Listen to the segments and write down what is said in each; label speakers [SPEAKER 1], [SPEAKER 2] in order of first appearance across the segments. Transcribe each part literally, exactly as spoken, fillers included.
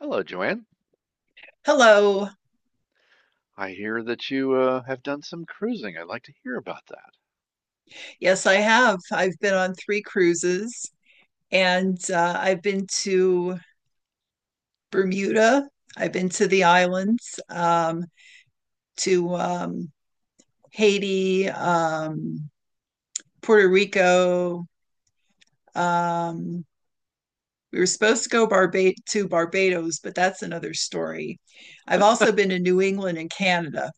[SPEAKER 1] Hello, Joanne.
[SPEAKER 2] Hello.
[SPEAKER 1] I hear that you uh, have done some cruising. I'd like to hear about that.
[SPEAKER 2] Yes, I have. I've been on three cruises and uh, I've been to Bermuda, I've been to the islands, um, to um, Haiti, um, Puerto Rico. Um, we were supposed to go Barba- to Barbados, but that's another story. I've also been to New England and Canada.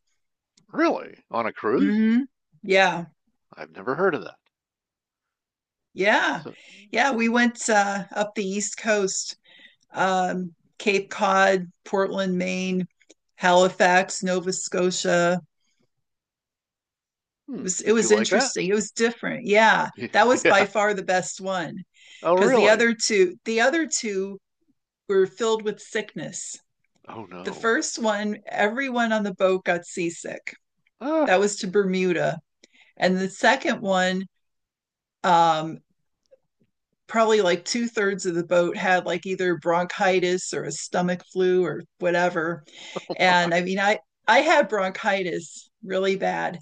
[SPEAKER 1] Really? On a cruise?
[SPEAKER 2] Hmm. Yeah,
[SPEAKER 1] I've never heard of that.
[SPEAKER 2] yeah,
[SPEAKER 1] So,
[SPEAKER 2] yeah. We went uh, up the East Coast, um, Cape Cod, Portland, Maine, Halifax, Nova Scotia. It
[SPEAKER 1] hmm,
[SPEAKER 2] was it
[SPEAKER 1] did you
[SPEAKER 2] was
[SPEAKER 1] like that?
[SPEAKER 2] interesting. It was different. Yeah, that was by
[SPEAKER 1] Yeah.
[SPEAKER 2] far the best one
[SPEAKER 1] Oh,
[SPEAKER 2] because the
[SPEAKER 1] really?
[SPEAKER 2] other two the other two were filled with sickness.
[SPEAKER 1] Oh,
[SPEAKER 2] The
[SPEAKER 1] no.
[SPEAKER 2] first one, everyone on the boat got seasick. That was to Bermuda, and the second one, um, probably like two thirds of the boat had like either bronchitis or a stomach flu or whatever.
[SPEAKER 1] my.
[SPEAKER 2] And I mean, I, I had bronchitis really bad.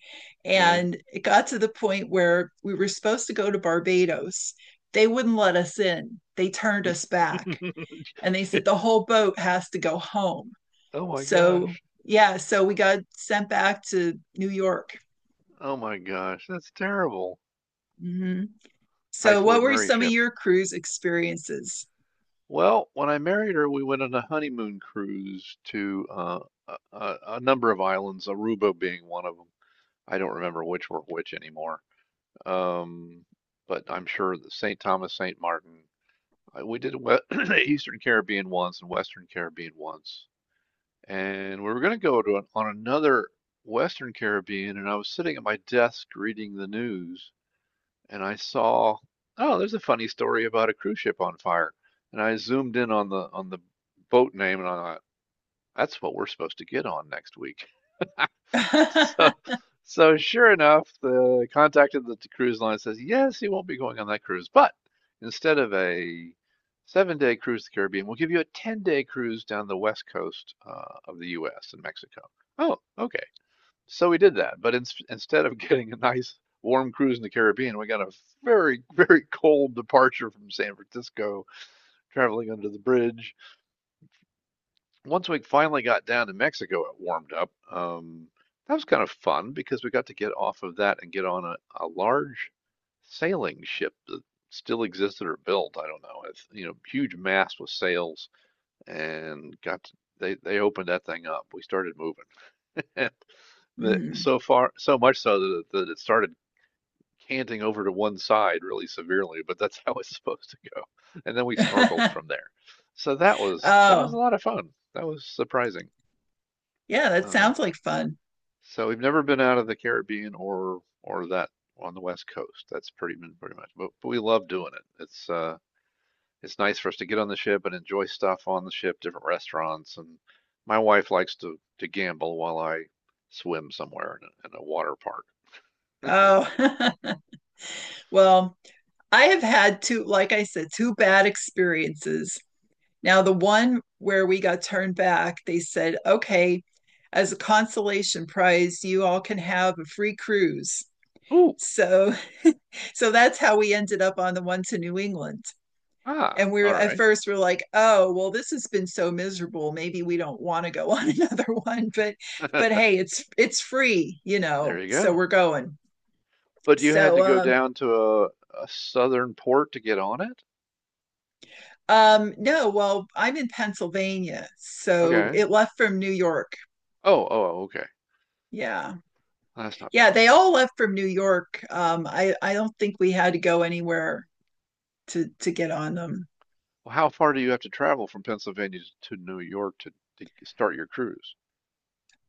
[SPEAKER 1] Yeah.
[SPEAKER 2] And it got to the point where we were supposed to go to Barbados. They wouldn't let us in, they turned us back. And they said the whole boat has to go home.
[SPEAKER 1] oh my
[SPEAKER 2] So,
[SPEAKER 1] gosh.
[SPEAKER 2] yeah, so we got sent back to New York.
[SPEAKER 1] Oh my gosh. That's terrible.
[SPEAKER 2] Mm-hmm. So,
[SPEAKER 1] Typhoid
[SPEAKER 2] what were
[SPEAKER 1] Mary
[SPEAKER 2] some of
[SPEAKER 1] ship.
[SPEAKER 2] your cruise experiences?
[SPEAKER 1] Well, when I married her, we went on a honeymoon cruise to uh, a, a a number of islands, Aruba being one of them. I don't remember which were which anymore. Um, but I'm sure that Saint Thomas, Saint Martin. I, we did we- Eastern Caribbean once and Western Caribbean once. And we were going to go to an, on another Western Caribbean, and I was sitting at my desk reading the news, and I saw, oh, there's a funny story about a cruise ship on fire, and I zoomed in on the on the boat name, and I thought, that's what we're supposed to get on next week.
[SPEAKER 2] mm-hmm.
[SPEAKER 1] So, so sure enough, the contact at the cruise line says, yes, he won't be going on that cruise, but instead of a seven day cruise to the Caribbean, we'll give you a ten day cruise down the west coast uh, of the U S and Mexico. Oh, okay. So we did that, but in, instead of getting a nice warm cruise in the Caribbean, we got a very, very cold departure from San Francisco, traveling under the bridge once we finally got down to Mexico, it warmed up. Um, that was kind of fun because we got to get off of that and get on a, a large sailing ship that still existed or built. I don't know. It's, you know, huge mast with sails and got to, they, they opened that thing up. We started moving. The, so far, so much so that, that it started canting over to one side really severely, but that's how it's supposed to go. And then we snorkeled from there. So that was that was a
[SPEAKER 2] Oh,
[SPEAKER 1] lot of fun. That was surprising.
[SPEAKER 2] yeah, that
[SPEAKER 1] Uh,
[SPEAKER 2] sounds like fun.
[SPEAKER 1] so we've never been out of the Caribbean or or that on the West Coast. That's pretty pretty much, but, but we love doing it. It's uh it's nice for us to get on the ship and enjoy stuff on the ship, different restaurants. And my wife likes to to gamble while I swim somewhere in a, in a water park.
[SPEAKER 2] Oh, well, I have had two, like I said, two bad experiences. Now, the one where we got turned back, they said, okay, as a consolation prize, you all can have a free cruise.
[SPEAKER 1] Ooh,
[SPEAKER 2] So, so that's how we ended up on the one to New England.
[SPEAKER 1] ah,
[SPEAKER 2] And we were
[SPEAKER 1] all
[SPEAKER 2] at
[SPEAKER 1] right.
[SPEAKER 2] first we we're like, oh, well, this has been so miserable, maybe we don't want to go on another one, but but hey, it's it's free, you
[SPEAKER 1] There
[SPEAKER 2] know
[SPEAKER 1] you
[SPEAKER 2] so
[SPEAKER 1] go.
[SPEAKER 2] we're going.
[SPEAKER 1] But you had
[SPEAKER 2] So
[SPEAKER 1] to go
[SPEAKER 2] um
[SPEAKER 1] down to a, a southern port to get on it?
[SPEAKER 2] um no, well, I'm in Pennsylvania, so
[SPEAKER 1] Okay.
[SPEAKER 2] it left from New York.
[SPEAKER 1] Oh, oh, oh, okay.
[SPEAKER 2] Yeah,
[SPEAKER 1] That's not bad.
[SPEAKER 2] yeah, they all left from New York. Um i i don't think we had to go anywhere to to get on them.
[SPEAKER 1] Well, how far do you have to travel from Pennsylvania to New York to, to start your cruise?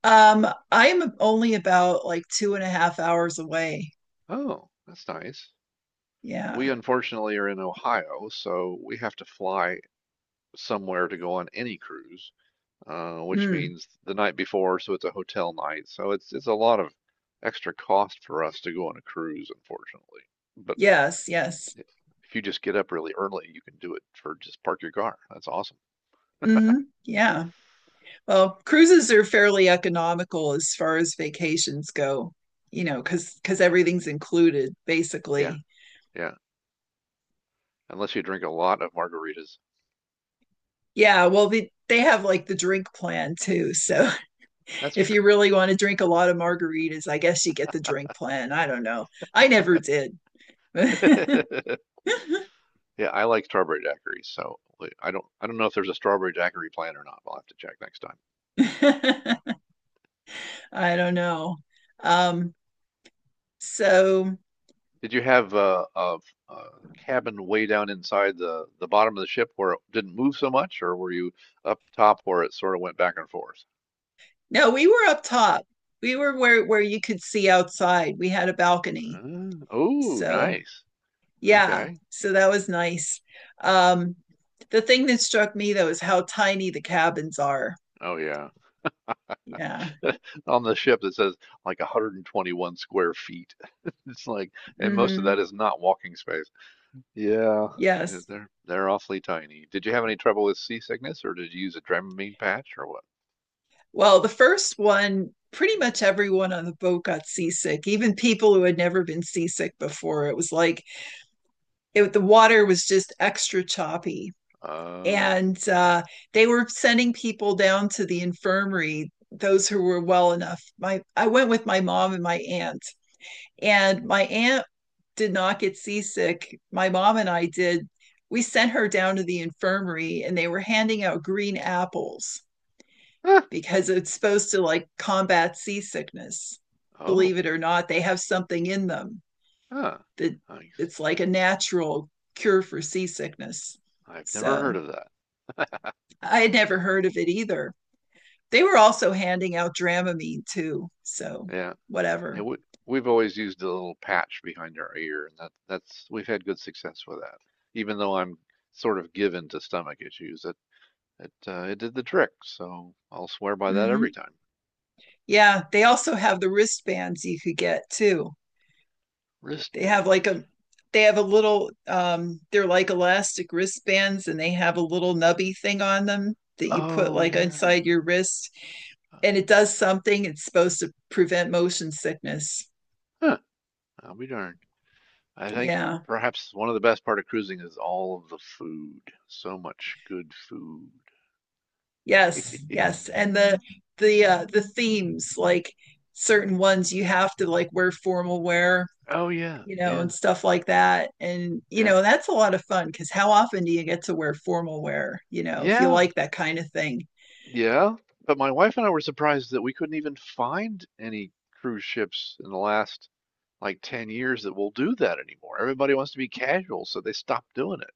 [SPEAKER 2] Um, I'm only about like two and a half hours away.
[SPEAKER 1] Oh, that's nice. We
[SPEAKER 2] Yeah.
[SPEAKER 1] unfortunately are in Ohio, so we have to fly somewhere to go on any cruise, uh, which
[SPEAKER 2] Mm,
[SPEAKER 1] means the night before, so it's a hotel night. So it's it's a lot of extra cost for us to go on a cruise, unfortunately. But
[SPEAKER 2] yes, yes.
[SPEAKER 1] i- if you just get up really early, you can do it for just park your car. That's awesome.
[SPEAKER 2] Hmm. Yeah. Well, cruises are fairly economical as far as vacations go, you know, because because everything's included
[SPEAKER 1] Yeah,
[SPEAKER 2] basically.
[SPEAKER 1] yeah. Unless you drink a lot of margaritas.
[SPEAKER 2] Yeah. Well, they they have like the drink plan too. So
[SPEAKER 1] That's
[SPEAKER 2] if you
[SPEAKER 1] true.
[SPEAKER 2] really want to drink a lot of margaritas, I guess you get the drink plan. I don't know. I never did.
[SPEAKER 1] Yeah, I like strawberry daiquiri, so like, I don't I don't know if there's a strawberry daiquiri plan or not. I'll have to check next time.
[SPEAKER 2] I don't know. Um, so
[SPEAKER 1] Did you have uh, a, a cabin way down inside the the bottom of the ship where it didn't move so much, or were you up top where it sort of went back and forth?
[SPEAKER 2] no, we were up top. We were where where you could see outside. We had a balcony.
[SPEAKER 1] Uh, oh,
[SPEAKER 2] So
[SPEAKER 1] nice.
[SPEAKER 2] yeah,
[SPEAKER 1] Okay.
[SPEAKER 2] so that was nice. um the thing that struck me though is how tiny the cabins are.
[SPEAKER 1] Oh yeah.
[SPEAKER 2] Yeah.
[SPEAKER 1] On the ship that says like one hundred twenty-one square feet. It's like, and most of
[SPEAKER 2] Mm-hmm.
[SPEAKER 1] that is not walking space. Yeah. Yeah,
[SPEAKER 2] Yes,
[SPEAKER 1] They're they're awfully tiny. Did you have any trouble with seasickness, or did you use a Dramamine patch, or what?
[SPEAKER 2] well, the first one, pretty much everyone on the boat got seasick, even people who had never been seasick before. It was like it, the water was just extra choppy,
[SPEAKER 1] Um,
[SPEAKER 2] and
[SPEAKER 1] let's
[SPEAKER 2] uh,
[SPEAKER 1] see.
[SPEAKER 2] they were sending people down to the infirmary, those who were well enough. My i went with my mom and my aunt, and my aunt did not get seasick. My mom and I did. We sent her down to the infirmary and they were handing out green apples
[SPEAKER 1] Huh.
[SPEAKER 2] because it's supposed to like combat seasickness.
[SPEAKER 1] Oh,
[SPEAKER 2] Believe it or not, they have something in them
[SPEAKER 1] huh.
[SPEAKER 2] that
[SPEAKER 1] Nice.
[SPEAKER 2] it's like a natural cure for seasickness.
[SPEAKER 1] I've never
[SPEAKER 2] So
[SPEAKER 1] heard of that.
[SPEAKER 2] I had never heard of it either. They were also handing out Dramamine too. So
[SPEAKER 1] Yeah, yeah.
[SPEAKER 2] whatever.
[SPEAKER 1] We we've always used a little patch behind our ear, and that that's we've had good success with that. Even though I'm sort of given to stomach issues, it it uh, it did the trick. So I'll swear by that every
[SPEAKER 2] Mm-hmm.
[SPEAKER 1] time.
[SPEAKER 2] Yeah, they also have the wristbands you could get too. They have like
[SPEAKER 1] Wristbands.
[SPEAKER 2] a they have a little um they're like elastic wristbands and they have a little nubby thing on them that you put
[SPEAKER 1] Oh
[SPEAKER 2] like
[SPEAKER 1] yeah.
[SPEAKER 2] inside your wrist,
[SPEAKER 1] Uh,
[SPEAKER 2] and it does something, it's supposed to prevent motion sickness.
[SPEAKER 1] Huh. I'll be darned. I think
[SPEAKER 2] Yeah,
[SPEAKER 1] perhaps one of the best part of cruising is all of the food. So much good food.
[SPEAKER 2] yes, yes. And the the uh the themes, like certain ones you have to like wear formal wear,
[SPEAKER 1] Oh yeah,
[SPEAKER 2] you know
[SPEAKER 1] yeah,
[SPEAKER 2] and stuff like that. And you
[SPEAKER 1] yeah,
[SPEAKER 2] know that's a lot of fun because how often do you get to wear formal wear, you know if you
[SPEAKER 1] yeah,
[SPEAKER 2] like that kind of thing.
[SPEAKER 1] yeah. But my wife and I were surprised that we couldn't even find any cruise ships in the last like ten years that will do that anymore. Everybody wants to be casual, so they stopped doing it.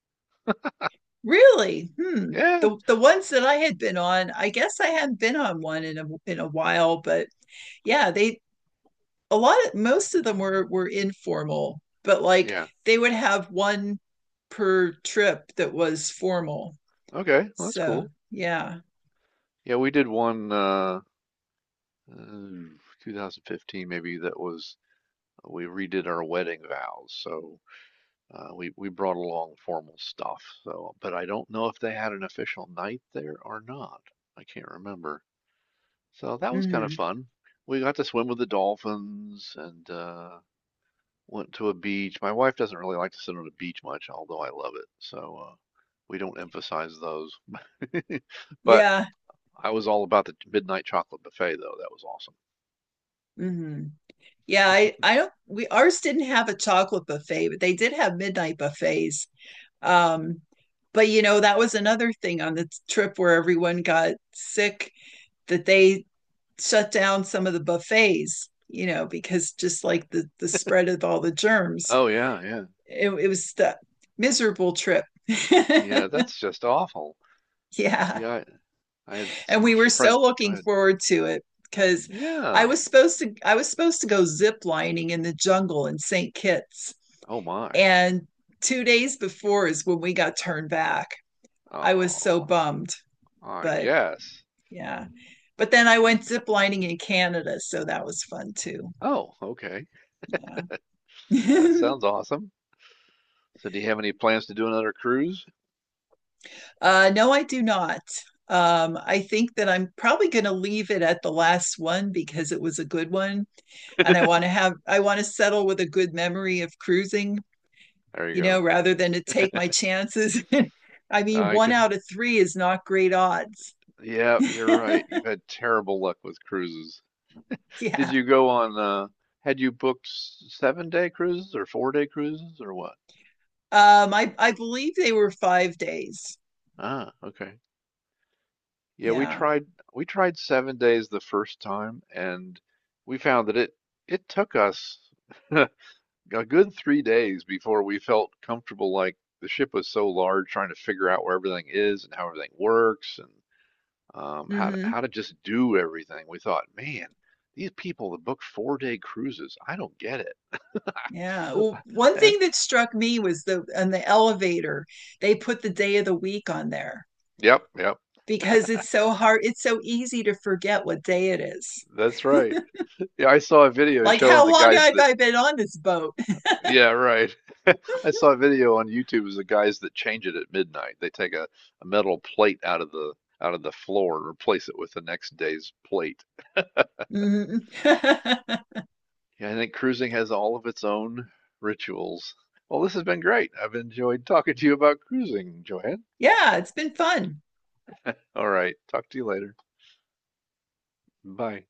[SPEAKER 2] Really? Hmm.
[SPEAKER 1] Yeah,
[SPEAKER 2] The the ones that I had been on, I guess I hadn't been on one in a in a while, but yeah, they a lot of most of them were were informal, but like
[SPEAKER 1] yeah.
[SPEAKER 2] they would have one per trip that was formal.
[SPEAKER 1] Okay, well, that's
[SPEAKER 2] So,
[SPEAKER 1] cool.
[SPEAKER 2] yeah.
[SPEAKER 1] Yeah, we did one uh, uh two thousand fifteen maybe that was we redid our wedding vows. So Uh, we we brought along formal stuff, so but I don't know if they had an official night there or not. I can't remember. So that was kind of
[SPEAKER 2] Hmm.
[SPEAKER 1] fun. We got to swim with the dolphins and uh, went to a beach. My wife doesn't really like to sit on a beach much, although I love it. So uh, we don't emphasize those. But
[SPEAKER 2] Yeah.
[SPEAKER 1] I was all about the midnight chocolate buffet, though. That was awesome.
[SPEAKER 2] Hmm. Yeah, I I don't we ours didn't have a chocolate buffet, but they did have midnight buffets. Um, but you know, that was another thing on the trip where everyone got sick, that they shut down some of the buffets, you know, because just like the the spread of all the germs,
[SPEAKER 1] Oh yeah, yeah,
[SPEAKER 2] it, it was the miserable trip.
[SPEAKER 1] yeah. That's just awful.
[SPEAKER 2] yeah,
[SPEAKER 1] Yeah, I, I had
[SPEAKER 2] and
[SPEAKER 1] some
[SPEAKER 2] we were
[SPEAKER 1] friend.
[SPEAKER 2] so
[SPEAKER 1] Go
[SPEAKER 2] looking
[SPEAKER 1] ahead.
[SPEAKER 2] forward to it because I
[SPEAKER 1] Yeah.
[SPEAKER 2] was supposed to I was supposed to go zip lining in the jungle in Saint Kitts,
[SPEAKER 1] Oh my.
[SPEAKER 2] and two days before is when we got turned back. I was so
[SPEAKER 1] Oh,
[SPEAKER 2] bummed,
[SPEAKER 1] I
[SPEAKER 2] but
[SPEAKER 1] guess.
[SPEAKER 2] yeah. But then I went zip lining in Canada, so that was fun too.
[SPEAKER 1] Oh, okay. That
[SPEAKER 2] Yeah.
[SPEAKER 1] sounds awesome. So, do you have any plans to do another cruise?
[SPEAKER 2] Uh, no, I do not. Um, I think that I'm probably going to leave it at the last one because it was a good one, and I want to have I want to settle with a good memory of cruising,
[SPEAKER 1] There you
[SPEAKER 2] you know,
[SPEAKER 1] go.
[SPEAKER 2] rather than to take my chances. I mean,
[SPEAKER 1] I
[SPEAKER 2] one
[SPEAKER 1] can.
[SPEAKER 2] out of three is not great odds.
[SPEAKER 1] Yeah, you're right. You've had terrible luck with cruises. Did
[SPEAKER 2] Yeah.
[SPEAKER 1] you go on, uh, had you booked seven day cruises or four day cruises or what?
[SPEAKER 2] Um, I I believe they were five days.
[SPEAKER 1] Ah, okay. Yeah, we
[SPEAKER 2] Yeah.
[SPEAKER 1] tried we tried seven days the first time and we found that it it took us a a good three days before we felt comfortable. Like the ship was so large, trying to figure out where everything is and how everything works and um, how to, how
[SPEAKER 2] Hmm.
[SPEAKER 1] to just do everything. We thought, man, these people that book four day cruises, I don't get it.
[SPEAKER 2] Yeah. Well, one
[SPEAKER 1] Eh,
[SPEAKER 2] thing that struck me was the on the elevator, they put the day of the week on there,
[SPEAKER 1] yep, yep,
[SPEAKER 2] because it's so hard. It's so easy to forget what day it is.
[SPEAKER 1] that's right. Yeah, I saw a video
[SPEAKER 2] Like,
[SPEAKER 1] showing
[SPEAKER 2] how
[SPEAKER 1] the
[SPEAKER 2] long
[SPEAKER 1] guys
[SPEAKER 2] have
[SPEAKER 1] that.
[SPEAKER 2] I been on this boat?
[SPEAKER 1] Yeah, right. I saw a video on YouTube of the guys that change it at midnight. They take a, a metal plate out of the out of the floor and replace it with the next day's plate.
[SPEAKER 2] Mhm.
[SPEAKER 1] Yeah, I think cruising has all of its own rituals. Well, this has been great. I've enjoyed talking to you about cruising, Joanne.
[SPEAKER 2] yeah, it's been fun.
[SPEAKER 1] All right. Talk to you later. Bye.